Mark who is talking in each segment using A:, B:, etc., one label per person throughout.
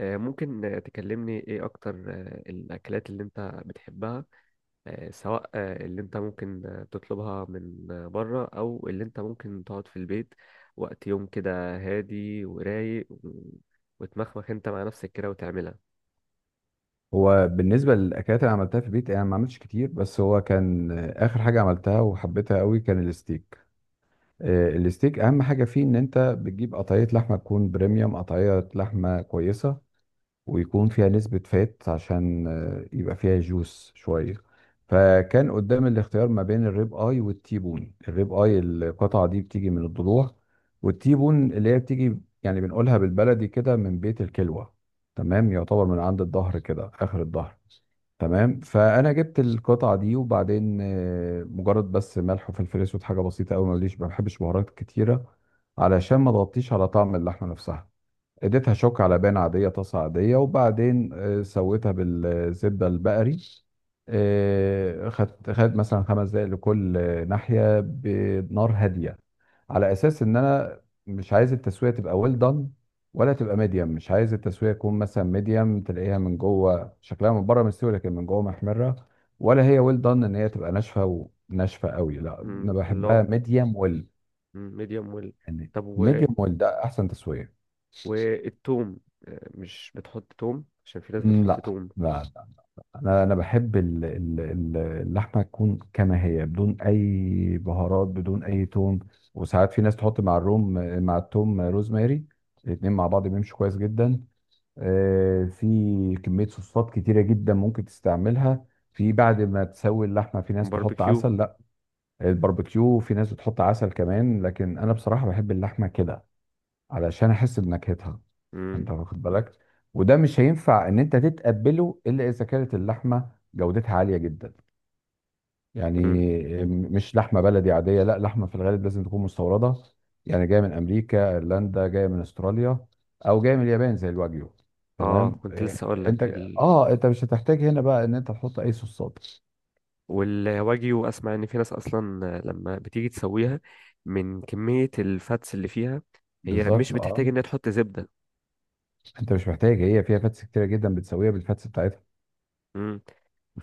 A: ممكن، تكلمني ايه اكتر، الاكلات اللي انت بتحبها، سواء اللي انت ممكن تطلبها من بره، او اللي انت ممكن تقعد في البيت وقت يوم كده هادي ورايق وتمخمخ انت مع نفسك كده وتعملها.
B: هو بالنسبة للأكلات اللي عملتها في البيت، أنا ما عملتش كتير. بس هو كان آخر حاجة عملتها وحبيتها قوي كان الستيك. الستيك أهم حاجة فيه إن أنت بتجيب قطعية لحمة تكون بريميوم، قطعية لحمة كويسة ويكون فيها نسبة فات عشان يبقى فيها جوس شوية. فكان قدام الاختيار ما بين الريب اي والتيبون. الريب اي القطعة دي بتيجي من الضلوع، والتيبون اللي هي بتيجي يعني بنقولها بالبلدي كده من بيت الكلوة. تمام، يعتبر من عند الظهر كده، آخر الظهر. تمام. فأنا جبت القطعة دي وبعدين مجرد بس ملح وفلفل أسود، حاجة بسيطة أوي. مليش، ما بحبش بهارات كتيرة علشان ما تغطيش على طعم اللحمة نفسها. اديتها شوك على بان عاديه، طاسه عاديه، وبعدين سويتها بالزبده البقري. خدت مثلا خمس دقائق لكل ناحيه، بنار هاديه، على اساس ان انا مش عايز التسويه تبقى ويل دان ولا تبقى ميديم. مش عايز التسويه تكون مثلا ميديم، تلاقيها من جوه شكلها من بره مستوي لكن من جوه محمره. ولا هي ويل دان ان هي تبقى ناشفه وناشفه قوي. لا، انا
A: مم، لا.
B: بحبها ميديم ويل.
A: ميديوم ويل.
B: يعني
A: طب
B: ميديم ويل ده احسن تسويه.
A: والثوم. مش بتحط توم؟ عشان في ناس
B: مم،
A: بتحط
B: لا،
A: توم.
B: لا. انا بحب اللحمه تكون كما هي بدون اي بهارات بدون اي توم. وساعات في ناس تحط مع الروم، مع التوم روزماري. الاتنين مع بعض بيمشوا كويس جدا. في كميه صوصات كتيره جدا ممكن تستعملها في بعد ما تسوي اللحمه. في ناس تحط
A: باربيكيو.
B: عسل، لا. الباربيكيو في ناس بتحط عسل كمان، لكن انا بصراحه بحب اللحمه كده علشان احس بنكهتها.
A: مم.
B: انت واخد بالك. وده مش هينفع ان انت تتقبله الا اذا كانت اللحمه جودتها عاليه جدا. يعني
A: مم.
B: مش لحمه بلدي عاديه، لا، لحمه في الغالب لازم تكون مستورده، يعني جايه من امريكا، ايرلندا، جايه من استراليا، او جايه من اليابان زي الواجيو.
A: اه،
B: تمام،
A: كنت لسه اقول
B: إيه، انت.
A: لك.
B: اه، انت مش هتحتاج هنا بقى ان انت تحط اي صوصات.
A: والواجيو، اسمع ان في ناس اصلا لما بتيجي تسويها، من كمية الفاتس اللي فيها هي مش
B: بالظبط، اه.
A: بتحتاج انها تحط زبدة.
B: انت مش محتاج، هي فيها فاتس كتيره جدا، بتسويها بالفاتس بتاعتها.
A: امم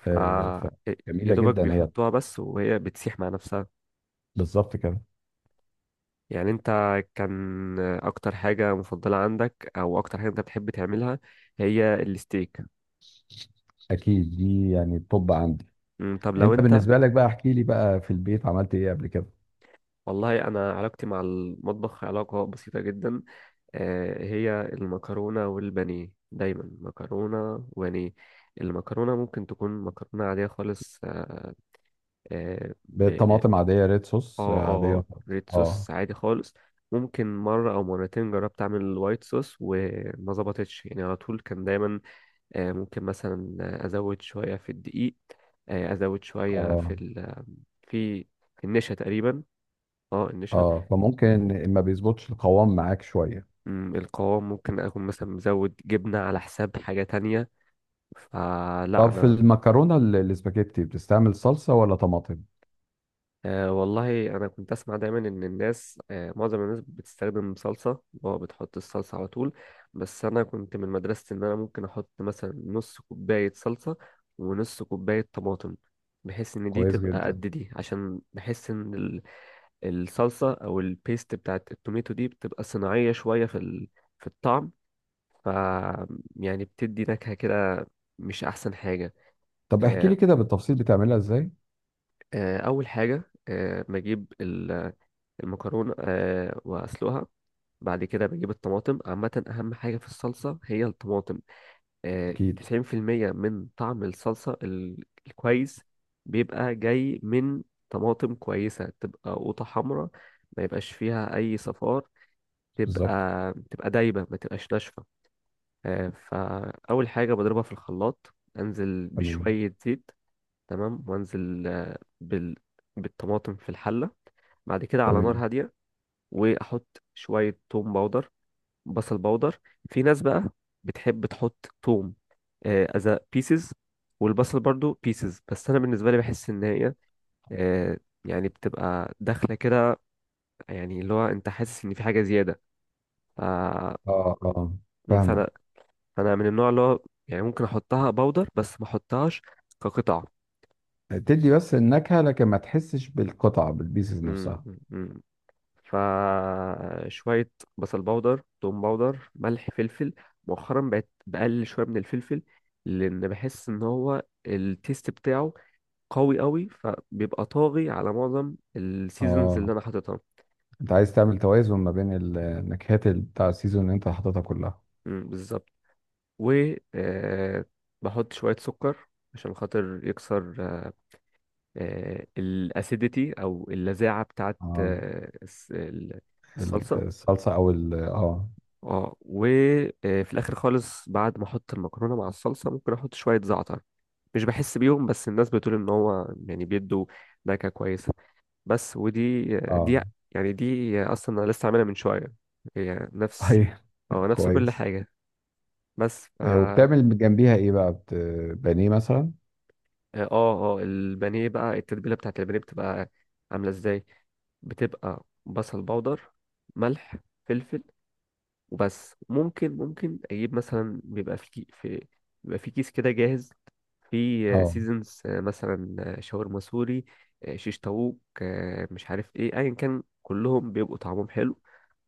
A: ف
B: آه
A: يا
B: فجميله
A: دوبك
B: جدا هي.
A: بيحطوها بس وهي بتسيح مع نفسها.
B: بالظبط كده.
A: يعني كان اكتر حاجة مفضلة عندك، او اكتر حاجة انت بتحب تعملها، هي الستيك؟
B: اكيد دي يعني الطب عندي.
A: طب لو
B: انت
A: انت.
B: بالنسبه لك بقى احكي لي بقى، في البيت عملت ايه قبل كده؟
A: والله انا علاقتي مع المطبخ علاقة بسيطة جدا. هي المكرونة والبانيه، دايما مكرونة وبانيه. المكرونة ممكن تكون مكرونة عادية خالص. آه آه، ب
B: بالطماطم عاديه، ريد صوص،
A: اه اه.
B: عاديه
A: آه،
B: خالص،
A: ريد
B: اه.
A: صوص عادي خالص. ممكن مرة أو مرتين جربت أعمل الوايت صوص وما ظبطتش، يعني على طول كان دايما، ممكن مثلا أزود شوية في الدقيق، آه، أزود شوية في
B: اه،
A: ال في في النشا تقريبا. اه، النشا.
B: اه، فممكن ما بيظبطش القوام معاك شويه.
A: القوام، ممكن أكون مثلا مزود جبنة على حساب حاجة تانية. فلا
B: طب في
A: انا
B: المكرونه، الاسباجيتي، بتستعمل صلصه ولا طماطم؟
A: والله انا كنت اسمع دايما ان الناس، معظم الناس بتستخدم صلصه، اللي هو بتحط الصلصه على طول. بس انا كنت من مدرسه ان انا ممكن احط مثلا نص كوبايه صلصه ونص كوبايه طماطم، بحيث ان دي
B: كويس
A: تبقى قد
B: جدا.
A: دي، عشان بحس ان الصلصه او البيست بتاعت التوميتو دي بتبقى صناعيه شويه في في الطعم. ف يعني بتدي نكهه كده، مش احسن حاجه.
B: طب احكي
A: آه
B: لي كده بالتفصيل بتعملها ازاي.
A: اول حاجه بجيب المكرونة وأسلقها. بعد كده بجيب الطماطم. عامة أهم حاجة في الصلصة هي الطماطم. آه
B: اكيد.
A: 90% من طعم الصلصة الكويس بيبقى جاي من طماطم كويسة، تبقى قوطة حمراء، ما يبقاش فيها أي صفار،
B: بالظبط.
A: تبقى تبقى دايبة، ما تبقاش ناشفة. فأول حاجة بضربها في الخلاط، أنزل
B: تمام.
A: بشوية زيت. تمام. وأنزل بالطماطم في الحلة. بعد كده على نار
B: تمام.
A: هادية، واحط شويه توم باودر، بصل باودر. في ناس بقى بتحب تحط توم از بيسز والبصل برضو بيسز، بس انا بالنسبه لي بحس ان هي آه، يعني بتبقى داخله كده، يعني اللي هو انت حاسس ان في حاجه زياده. ف-
B: اه، اه، فاهمك.
A: فانا فانا من النوع اللي هو يعني ممكن احطها باودر بس ما احطهاش كقطع.
B: تدي بس النكهه لكن ما تحسش بالقطعه بالبيسز
A: مم.
B: نفسها.
A: مم. فشوية بصل باودر، توم باودر، ملح، فلفل. مؤخرا بقت بقلل شوية من الفلفل، لأن بحس إن هو التيست بتاعه قوي قوي، فبيبقى طاغي على معظم السيزونز اللي
B: اه،
A: أنا حاططها.
B: انت عايز تعمل توازن ما بين النكهات، بتاع السيزون اللي انت حاططها كلها.
A: مم، بالظبط. و آه، بحط شوية سكر عشان خاطر يكسر الاسيديتي او اللذاعه بتاعت
B: اه،
A: الصلصه.
B: الصلصه او ال اه
A: اه، وفي الاخر خالص، بعد ما احط المكرونه مع الصلصه، ممكن احط شويه زعتر، مش بحس بيهم، بس الناس بتقول ان هو يعني بيدوا نكهه كويسه. بس ودي
B: اه.
A: دي، يعني دي اصلا انا لسه عاملها من شويه، هي نفس.
B: طيب.
A: اه، نفس كل
B: كويس.
A: حاجه. بس فا
B: وبتعمل جنبيها ايه بقى، بانيه مثلا؟
A: اه اه. البانيه بقى، التتبيله بتاعت البانيه بتبقى عامله ازاي؟ بتبقى بصل باودر، ملح، فلفل، وبس. ممكن اجيب مثلا، بيبقى في كيس كده جاهز، في
B: اه،
A: سيزونز، مثلا شاورما سوري، شيش طاووق، مش عارف ايه، ايا كان كلهم بيبقوا طعمهم حلو.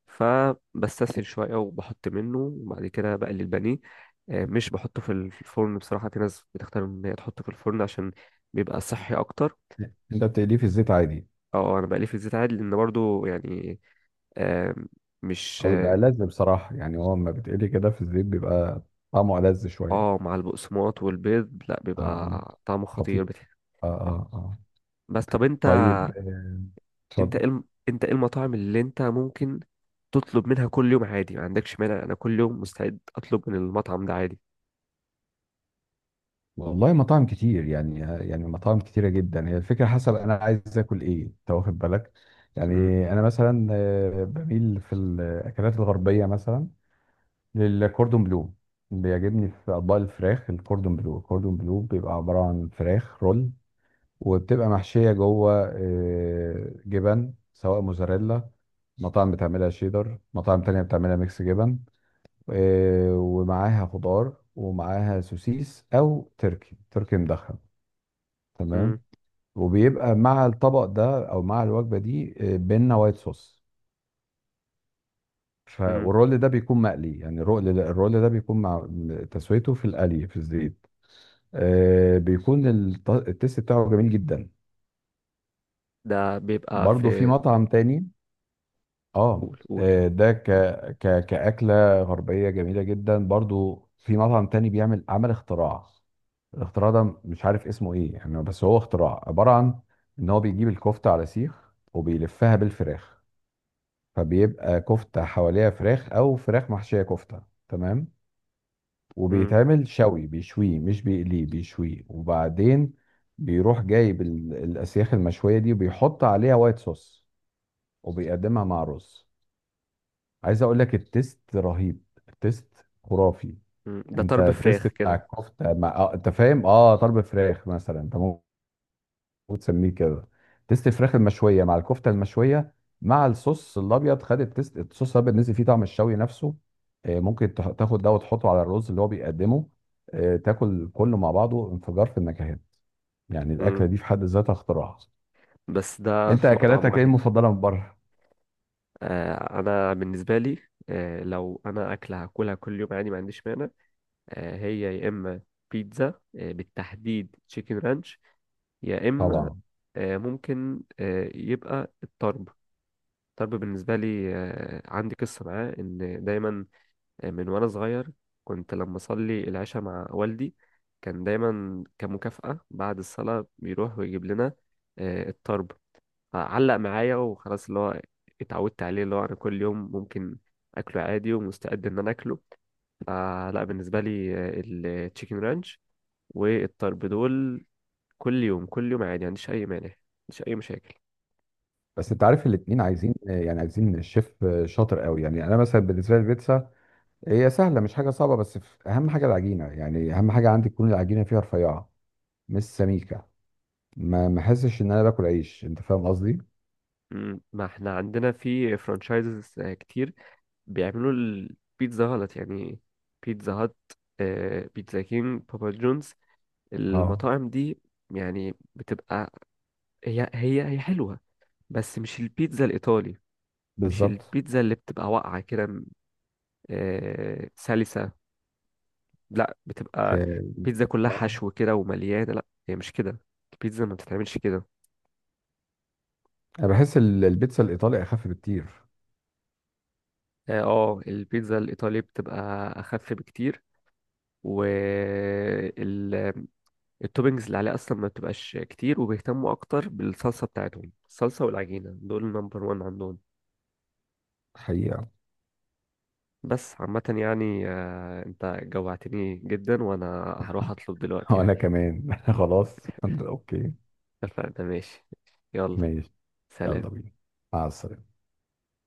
A: فبستسهل شويه وبحط منه، وبعد كده بقلي البانيه. مش بحطه في الفرن بصراحه. في ناس بتختار ان هي تحطه في الفرن عشان بيبقى صحي اكتر.
B: انت بتقليه في الزيت عادي،
A: اه، انا بقليه في الزيت عادي، لان برضو يعني آم، مش
B: او يبقى لذ؟ بصراحه يعني هو لما بتقلي كده في الزيت بيبقى طعمه لذ شويه.
A: اه، مع البقسماط والبيض لا،
B: اه،
A: بيبقى
B: اه،
A: طعمه خطير.
B: خطير. اه، اه، اه.
A: بس طب انت،
B: طيب، اتفضل.
A: انت ايه المطاعم اللي انت ممكن تطلب منها كل يوم عادي، ما عندكش مانع؟ انا كل يوم مستعد اطلب من المطعم ده عادي.
B: والله مطاعم كتير، يعني مطاعم كتيرة جدا، هي الفكرة حسب أنا عايز آكل إيه. أنت واخد بالك، يعني.
A: مم.
B: أنا مثلا بميل في الأكلات الغربية، مثلا للكوردون بلو. بيعجبني في أطباق الفراخ الكوردون بلو. الكوردون بلو بيبقى عبارة عن فراخ رول، وبتبقى محشية جوه جبن، سواء موزاريلا، مطاعم بتعملها شيدر، مطاعم تانية بتعملها ميكس جبن. ومعاها خضار ومعاها سوسيس أو تركي، تركي مدخن. تمام.
A: مم.
B: وبيبقى مع الطبق ده او مع الوجبه دي بينا وايت صوص. ف
A: مم.
B: والرول ده بيكون مقلي، يعني الرول ده بيكون مع تسويته في القلي في الزيت. بيكون التيست بتاعه جميل جدا.
A: ده بيبقى
B: برضو في
A: في
B: مطعم تاني. اه،
A: قول قول.
B: ده ك ك كأكلة غربية جميلة جدا. برضو في مطعم تاني بيعمل عمل اختراع. الاختراع ده مش عارف اسمه ايه يعني، بس هو اختراع عبارة عن ان هو بيجيب الكفتة على سيخ وبيلفها بالفراخ. فبيبقى كفتة حواليها فراخ، أو فراخ محشية كفتة. تمام.
A: مم.
B: وبيتعمل شوي، بيشويه مش بيقليه، بيشويه وبعدين بيروح جايب الأسياخ المشوية دي وبيحط عليها وايت صوص وبيقدمها مع رز. عايز أقول لك، التيست رهيب، التيست خرافي.
A: مم. ده
B: أنت
A: طرب
B: التيست
A: فراخ
B: بتاع
A: كده.
B: الكفتة مع أنت فاهم، أه، طلب فراخ مثلا أنت، وتسميه كده تيست الفراخ المشويه مع الكفته المشويه مع الصوص الابيض. خد التيست، الصوص الابيض نزل فيه طعم الشوي نفسه. ممكن تاخد ده وتحطه على الرز اللي هو بيقدمه، تاكل كله مع بعضه انفجار في النكهات. يعني الاكله
A: مم.
B: دي في حد ذاتها اختراع.
A: بس ده
B: انت
A: في مطعم
B: اكلاتك ايه
A: واحد.
B: المفضله من بره؟
A: انا بالنسبه لي، لو انا اكله هاكلها كل يوم عادي ما عنديش مانع. هي يا اما بيتزا، بالتحديد تشيكن رانش، يا اما
B: طبعا.
A: آه، ممكن آه، يبقى الطرب. الطرب بالنسبه لي عندي قصه معاه، ان دايما، من وانا صغير كنت لما اصلي العشاء مع والدي، كان دايما كمكافأة بعد الصلاة بيروح ويجيب لنا الطرب. علق معايا وخلاص، اللي هو اتعودت عليه، اللي هو انا كل يوم ممكن اكله عادي، ومستعد ان انا اكله. فلا بالنسبه لي التشيكن رانش والطرب دول، كل يوم كل يوم عادي، ما عنديش اي مانع، ما عنديش اي مشاكل.
B: بس انت عارف الاتنين عايزين، يعني عايزين الشيف شاطر قوي. يعني انا مثلا بالنسبه لي البيتزا هي سهله، مش حاجه صعبه، بس اهم حاجه العجينه، يعني اهم حاجه عندي تكون العجينه فيها رفيعه مش سميكه، ما احسش ان انا باكل عيش، انت فاهم قصدي.
A: ما احنا عندنا في فرانشايزز كتير بيعملوا البيتزا غلط يعني. بيتزا هات، بيتزا كينج، بابا جونز،
B: اه،
A: المطاعم دي يعني بتبقى هي حلوة، بس مش البيتزا الإيطالي، مش
B: بالظبط،
A: البيتزا اللي بتبقى واقعة كده، سلسة، لا بتبقى
B: اه.
A: بيتزا كلها
B: آه.
A: حشو كده ومليانة. لا هي مش كده، البيتزا ما بتتعملش كده.
B: انا بحس البيتزا الايطالي اخف بكتير.
A: اه، البيتزا الايطالي بتبقى اخف بكتير، والتوبنجز اللي عليها اصلا ما بتبقاش كتير، وبيهتموا اكتر بالصلصه بتاعتهم. الصلصه والعجينه دول نمبر وان عندهم.
B: حقيقة.
A: بس عامه يعني، انت جوعتني جدا وانا هروح اطلب دلوقتي
B: وانا
A: يعني.
B: كمان خلاص اوكي.
A: اتفقنا، ماشي. يلا.
B: ماشي.
A: سلام.
B: يلا بينا. مع السلامه.